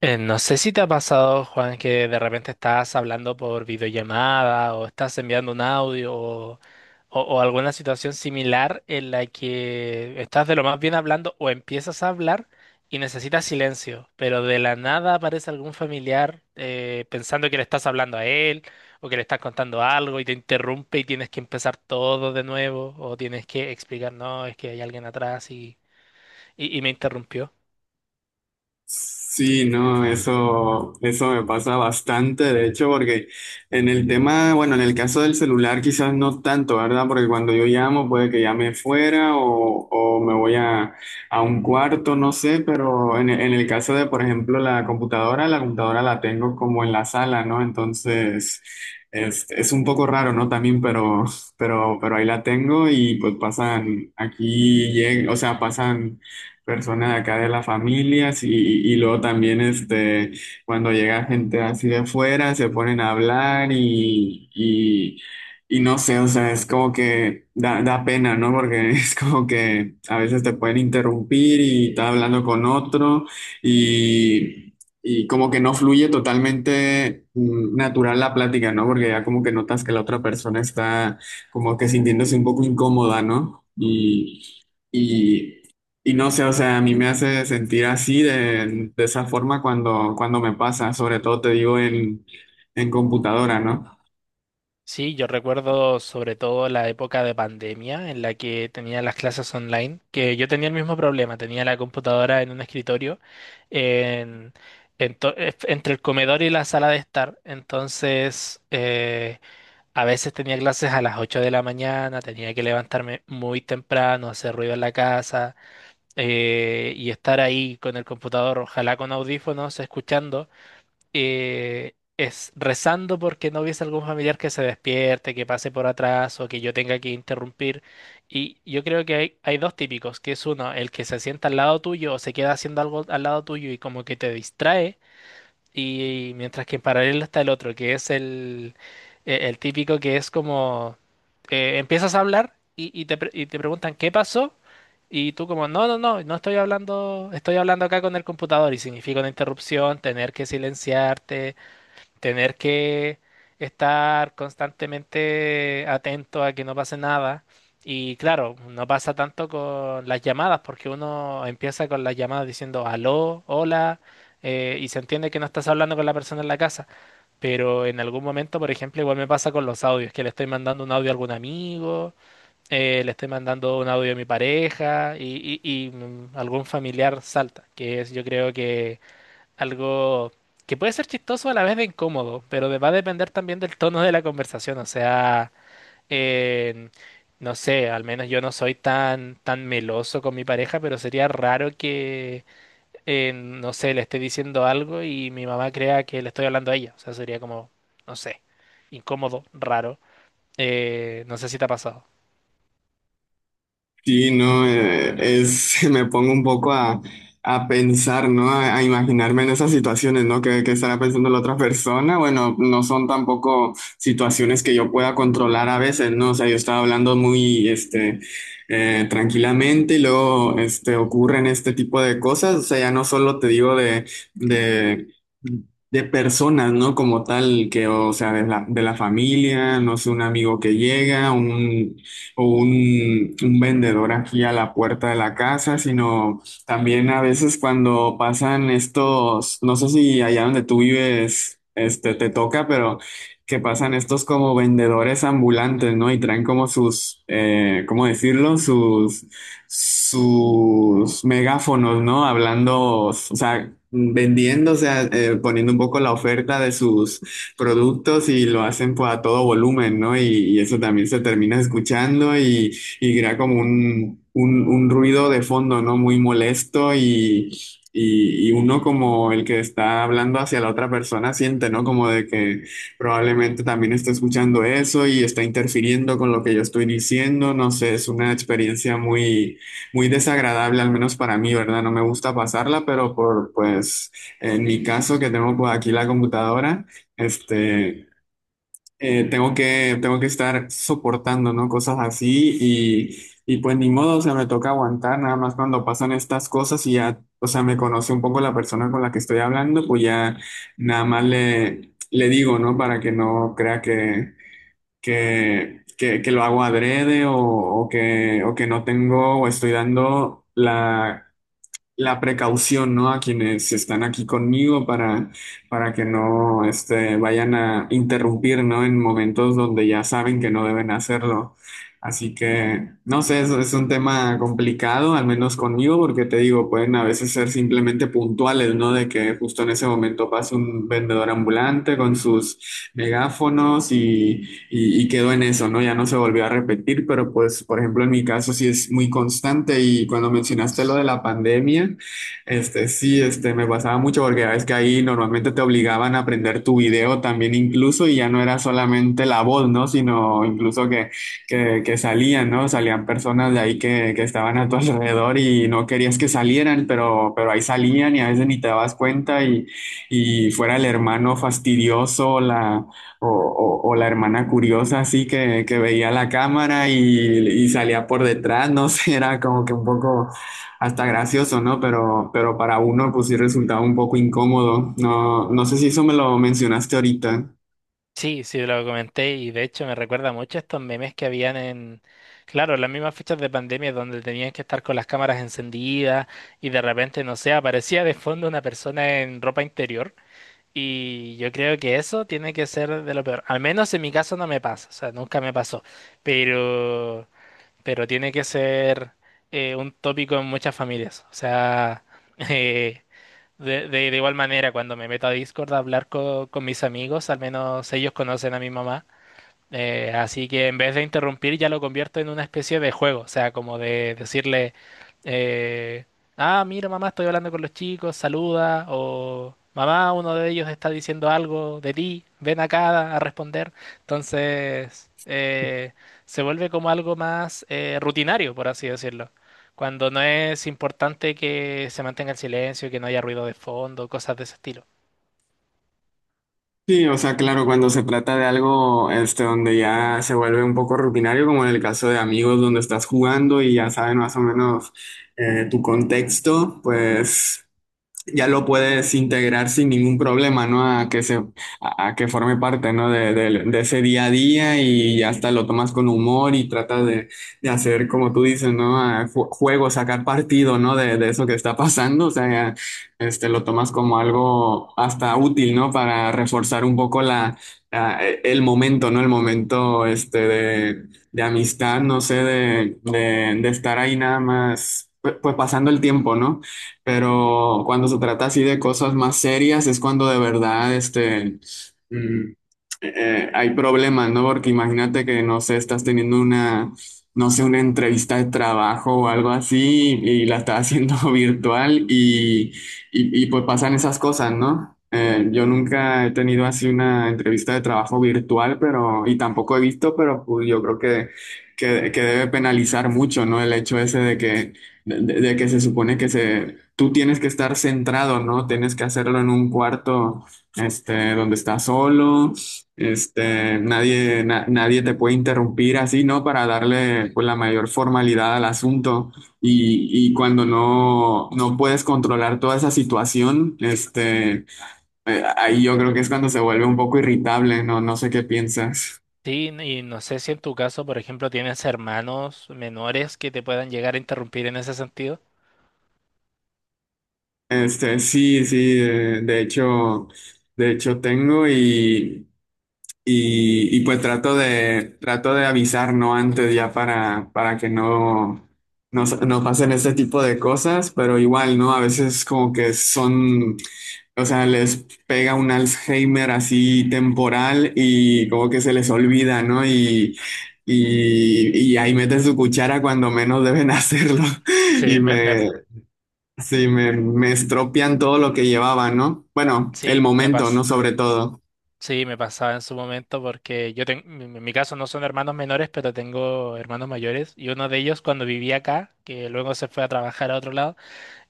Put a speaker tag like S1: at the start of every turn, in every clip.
S1: No sé si te ha pasado, Juan, que de repente estás hablando por videollamada o estás enviando un audio o alguna situación similar en la que estás de lo más bien hablando o empiezas a hablar y necesitas silencio, pero de la nada aparece algún familiar pensando que le estás hablando a él o que le estás contando algo y te interrumpe y tienes que empezar todo de nuevo o tienes que explicar, no, es que hay alguien atrás y, y me interrumpió.
S2: Sí, no, eso me pasa bastante, de hecho, porque en el tema, bueno, en el caso del celular quizás no tanto, ¿verdad? Porque cuando yo llamo puede que llame fuera o me voy a un cuarto, no sé, pero en el caso de, por ejemplo, la computadora, la computadora la tengo como en la sala, ¿no? Entonces, es un poco raro, ¿no? También, pero ahí la tengo y pues pasan, aquí, o sea, pasan personas de acá de las familias y luego también cuando llega gente así de fuera se ponen a hablar y no sé, o sea, es como que da, da pena, ¿no? Porque es como que a veces te pueden interrumpir y estás hablando con otro y, y como que no fluye totalmente natural la plática, ¿no? Porque ya como que notas que la otra persona está como que sintiéndose un poco incómoda, ¿no? Y... Y, y no sé, o sea, a mí me hace sentir así de esa forma cuando, cuando me pasa, sobre todo te digo en computadora, ¿no?
S1: Sí, yo recuerdo sobre todo la época de pandemia en la que tenía las clases online, que yo tenía el mismo problema, tenía la computadora en un escritorio en, entre el comedor y la sala de estar, entonces a veces tenía clases a las 8 de la mañana, tenía que levantarme muy temprano, hacer ruido en la casa y estar ahí con el computador, ojalá con audífonos, escuchando es rezando porque no hubiese algún familiar que se despierte, que pase por atrás o que yo tenga que interrumpir. Y yo creo que hay dos típicos, que es uno, el que se sienta al lado tuyo o se queda haciendo algo al lado tuyo y como que te distrae. Y mientras que en paralelo está el otro, que es el típico que es como empiezas a hablar y, y te preguntan qué pasó y tú como no, no, no, no estoy hablando, estoy hablando acá con el computador y significa una interrupción, tener que silenciarte, tener que estar constantemente atento a que no pase nada. Y claro, no pasa tanto con las llamadas, porque uno empieza con las llamadas diciendo aló, hola, y se entiende que no estás hablando con la persona en la casa. Pero en algún momento, por ejemplo, igual me pasa con los audios, que le estoy mandando un audio a algún amigo, le estoy mandando un audio a mi pareja y algún familiar salta, que es yo creo que algo que puede ser chistoso a la vez de incómodo, pero va a depender también del tono de la conversación. O sea, eh, no sé, al menos yo no soy tan, tan meloso con mi pareja, pero sería raro que, no sé, le esté diciendo algo y mi mamá crea que le estoy hablando a ella. O sea, sería como, no sé, incómodo, raro. No sé si te ha pasado.
S2: Sí, no, es, me pongo un poco a pensar, ¿no? A imaginarme en esas situaciones, ¿no? Que estará pensando la otra persona. Bueno, no son tampoco situaciones que yo pueda controlar a veces, ¿no? O sea, yo estaba hablando muy, tranquilamente y luego, este, ocurren este tipo de cosas. O sea, ya no solo te digo de personas, ¿no? Como tal, que, o sea, de la familia, no sé, un amigo que llega, un o un vendedor aquí a la puerta de la casa, sino también a veces cuando pasan estos, no sé si allá donde tú vives, este, te toca, pero que pasan estos como vendedores ambulantes, ¿no? Y traen como sus, ¿cómo decirlo? Sus megáfonos, ¿no? Hablando, o sea, vendiendo, o sea, poniendo un poco la oferta de sus productos y lo hacen pues, a todo volumen, ¿no? Y eso también se termina escuchando y crea como un ruido de fondo, ¿no? Muy molesto y uno como el que está hablando hacia la otra persona siente, ¿no? Como de que probablemente también está escuchando eso y está interfiriendo con lo que yo estoy diciendo, no sé, es una experiencia muy desagradable, al menos para mí, ¿verdad? No me gusta pasarla, pero por, pues, en mi caso que tengo pues, aquí la computadora. Este, tengo tengo que estar soportando, ¿no? Cosas así y pues ni modo, o sea, me toca aguantar, nada más cuando pasan estas cosas y ya, o sea, me conoce un poco la persona con la que estoy hablando, pues ya nada más le digo, ¿no? Para que no crea que lo hago adrede o que no tengo o estoy dando la la precaución, ¿no? A quienes están aquí conmigo para que no este, vayan a interrumpir, ¿no? En momentos donde ya saben que no deben hacerlo. Así que, no sé, eso es un tema complicado, al menos conmigo, porque te digo, pueden a veces ser simplemente puntuales, ¿no? De que justo en ese momento pase un vendedor ambulante con sus megáfonos y quedó en eso, ¿no? Ya no se volvió a repetir, pero pues, por ejemplo, en mi caso sí es muy constante y cuando mencionaste lo de la pandemia, este, sí, este, me pasaba mucho porque ya ves que ahí normalmente te obligaban a aprender tu video también incluso y ya no era solamente la voz, ¿no? Sino incluso que salían, ¿no? Salían personas de ahí que estaban a tu alrededor y no querías que salieran, pero ahí salían y a veces ni te dabas cuenta y fuera el hermano fastidioso, la o la hermana curiosa así que veía la cámara y salía por detrás, no sé, era como que un poco hasta gracioso, ¿no? Pero para uno pues sí resultaba un poco incómodo. No, no sé si eso me lo mencionaste ahorita.
S1: Sí, sí, lo comenté y de hecho me recuerda mucho a estos memes que habían en, claro, las mismas fechas de pandemia donde tenían que estar con las cámaras encendidas y de repente, no sé, aparecía de fondo una persona en ropa interior y yo creo que eso tiene que ser de lo peor. Al menos en mi caso no me pasa, o sea, nunca me pasó, pero, pero tiene que ser un tópico en muchas familias, o sea, de igual manera, cuando me meto a Discord a hablar con mis amigos, al menos ellos conocen a mi mamá. Así que en vez de interrumpir ya lo convierto en una especie de juego, o sea, como de decirle, eh, ah, mira mamá, estoy hablando con los chicos, saluda, o mamá, uno de ellos está diciendo algo de ti, ven acá a responder. Entonces, se vuelve como algo más rutinario, por así decirlo. Cuando no es importante que se mantenga el silencio, que no haya ruido de fondo, cosas de ese estilo.
S2: Sí, o sea, claro, cuando se trata de algo este, donde ya se vuelve un poco rutinario, como en el caso de amigos donde estás jugando y ya saben más o menos tu contexto, pues... ya lo puedes integrar sin ningún problema, ¿no? A que forme parte, ¿no? De ese día a día y ya hasta lo tomas con humor y tratas de hacer, como tú dices, ¿no? Juego, sacar partido, ¿no? De eso que está pasando, o sea, este, lo tomas como algo hasta útil, ¿no? Para reforzar un poco el momento, ¿no? El momento, este, de amistad, no sé, de estar ahí nada más, pues, pasando el tiempo, ¿no? Pero cuando se trata así de cosas más serias es cuando de verdad mm, hay problemas, ¿no? Porque imagínate que, no sé, estás teniendo no sé, una entrevista de trabajo o algo así y, la estás haciendo virtual y, pues pasan esas cosas, ¿no? Yo nunca he tenido así una entrevista de trabajo virtual, pero, y tampoco he visto, pero pues, yo creo que debe penalizar mucho, ¿no? El hecho ese de que de que se supone que se, tú tienes que estar centrado, ¿no? Tienes que hacerlo en un cuarto, este, donde estás solo, este, nadie te puede interrumpir así, ¿no? Para darle, pues, la mayor formalidad al asunto. Y cuando no puedes controlar toda esa situación, ahí yo creo que es cuando se vuelve un poco irritable, ¿no? No sé qué piensas.
S1: Sí, y no sé si en tu caso, por ejemplo, tienes hermanos menores que te puedan llegar a interrumpir en ese sentido.
S2: Sí, sí, de hecho tengo y... Y, y pues trato de avisar, ¿no? Antes ya para que no pasen este tipo de cosas, pero igual, ¿no? A veces como que son, o sea, les pega un Alzheimer así temporal y como que se les olvida, ¿no? Y ahí meten su cuchara cuando menos deben hacerlo. y
S1: Sí, me, me-
S2: me, sí, me estropean todo lo que llevaba, ¿no? Bueno, el
S1: sí, me
S2: momento,
S1: pas-
S2: ¿no? Sobre todo.
S1: sí, me pasaba en su momento porque yo tengo, en mi caso no son hermanos menores, pero tengo hermanos mayores y uno de ellos cuando vivía acá, que luego se fue a trabajar a otro lado,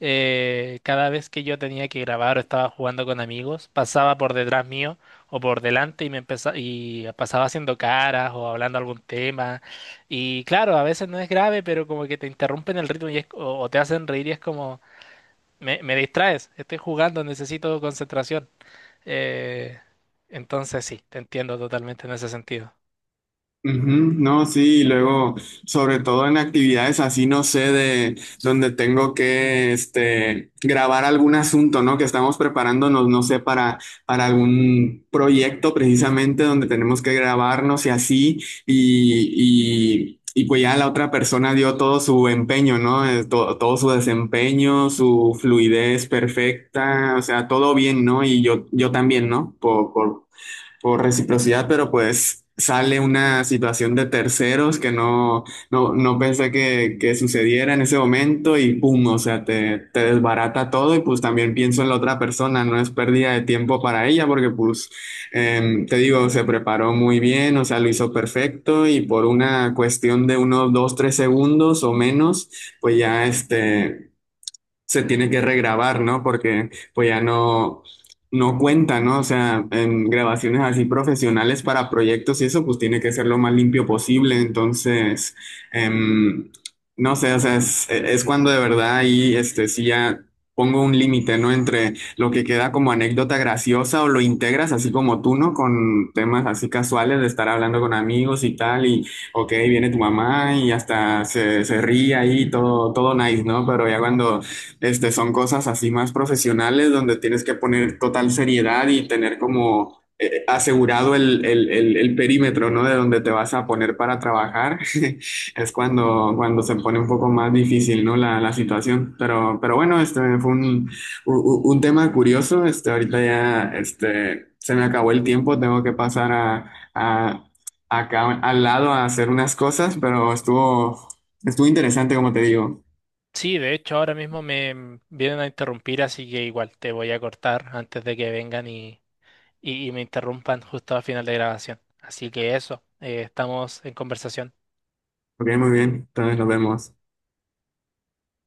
S1: cada vez que yo tenía que grabar o estaba jugando con amigos, pasaba por detrás mío o por delante y me empezaba y pasaba haciendo caras o hablando algún tema. Y claro, a veces no es grave, pero como que te interrumpen el ritmo y o te hacen reír y es como, me distraes, estoy jugando, necesito concentración. Eh, entonces sí, te entiendo totalmente en ese sentido.
S2: Ujú. No, sí, y luego, sobre todo en actividades así, no sé, de donde tengo que, este, grabar algún asunto, ¿no? Que estamos preparándonos, no sé, para algún proyecto precisamente donde tenemos que grabarnos y así, y pues ya la otra persona dio todo su empeño, ¿no? Todo su desempeño, su fluidez perfecta, o sea, todo bien, ¿no? Y yo también, ¿no? Por reciprocidad, pero pues sale una situación de terceros que no pensé que sucediera en ese momento y pum, o sea, te desbarata todo y pues también pienso en la otra persona, no es pérdida de tiempo para ella porque pues te digo, se preparó muy bien, o sea, lo hizo perfecto y por una cuestión de unos dos, tres segundos o menos, pues ya este se tiene que regrabar, ¿no? Porque pues ya no cuenta, ¿no? O sea, en grabaciones así profesionales para proyectos y eso, pues tiene que ser lo más limpio posible. Entonces, em, no sé, o sea, es cuando de verdad ahí, este, sí ya pongo un límite, ¿no? Entre lo que queda como anécdota graciosa o lo integras así como tú, ¿no? Con temas así casuales de estar hablando con amigos y tal y... Ok, viene tu mamá y hasta se ríe ahí, todo, todo nice, ¿no? Pero ya cuando este, son cosas así más profesionales donde tienes que poner total seriedad y tener como asegurado el perímetro, ¿no? De donde te vas a poner para trabajar. Es cuando, cuando se pone un poco más difícil, ¿no? La situación. Pero bueno, este fue un tema curioso. Este, ahorita ya, este, se me acabó el tiempo. Tengo que pasar a, acá al lado a hacer unas cosas, pero estuvo, estuvo interesante, como te digo.
S1: Sí, de hecho ahora mismo me vienen a interrumpir, así que igual te voy a cortar antes de que vengan y... y me interrumpan justo al final de grabación. Así que eso, estamos en conversación.
S2: Ok, muy bien. Entonces nos vemos.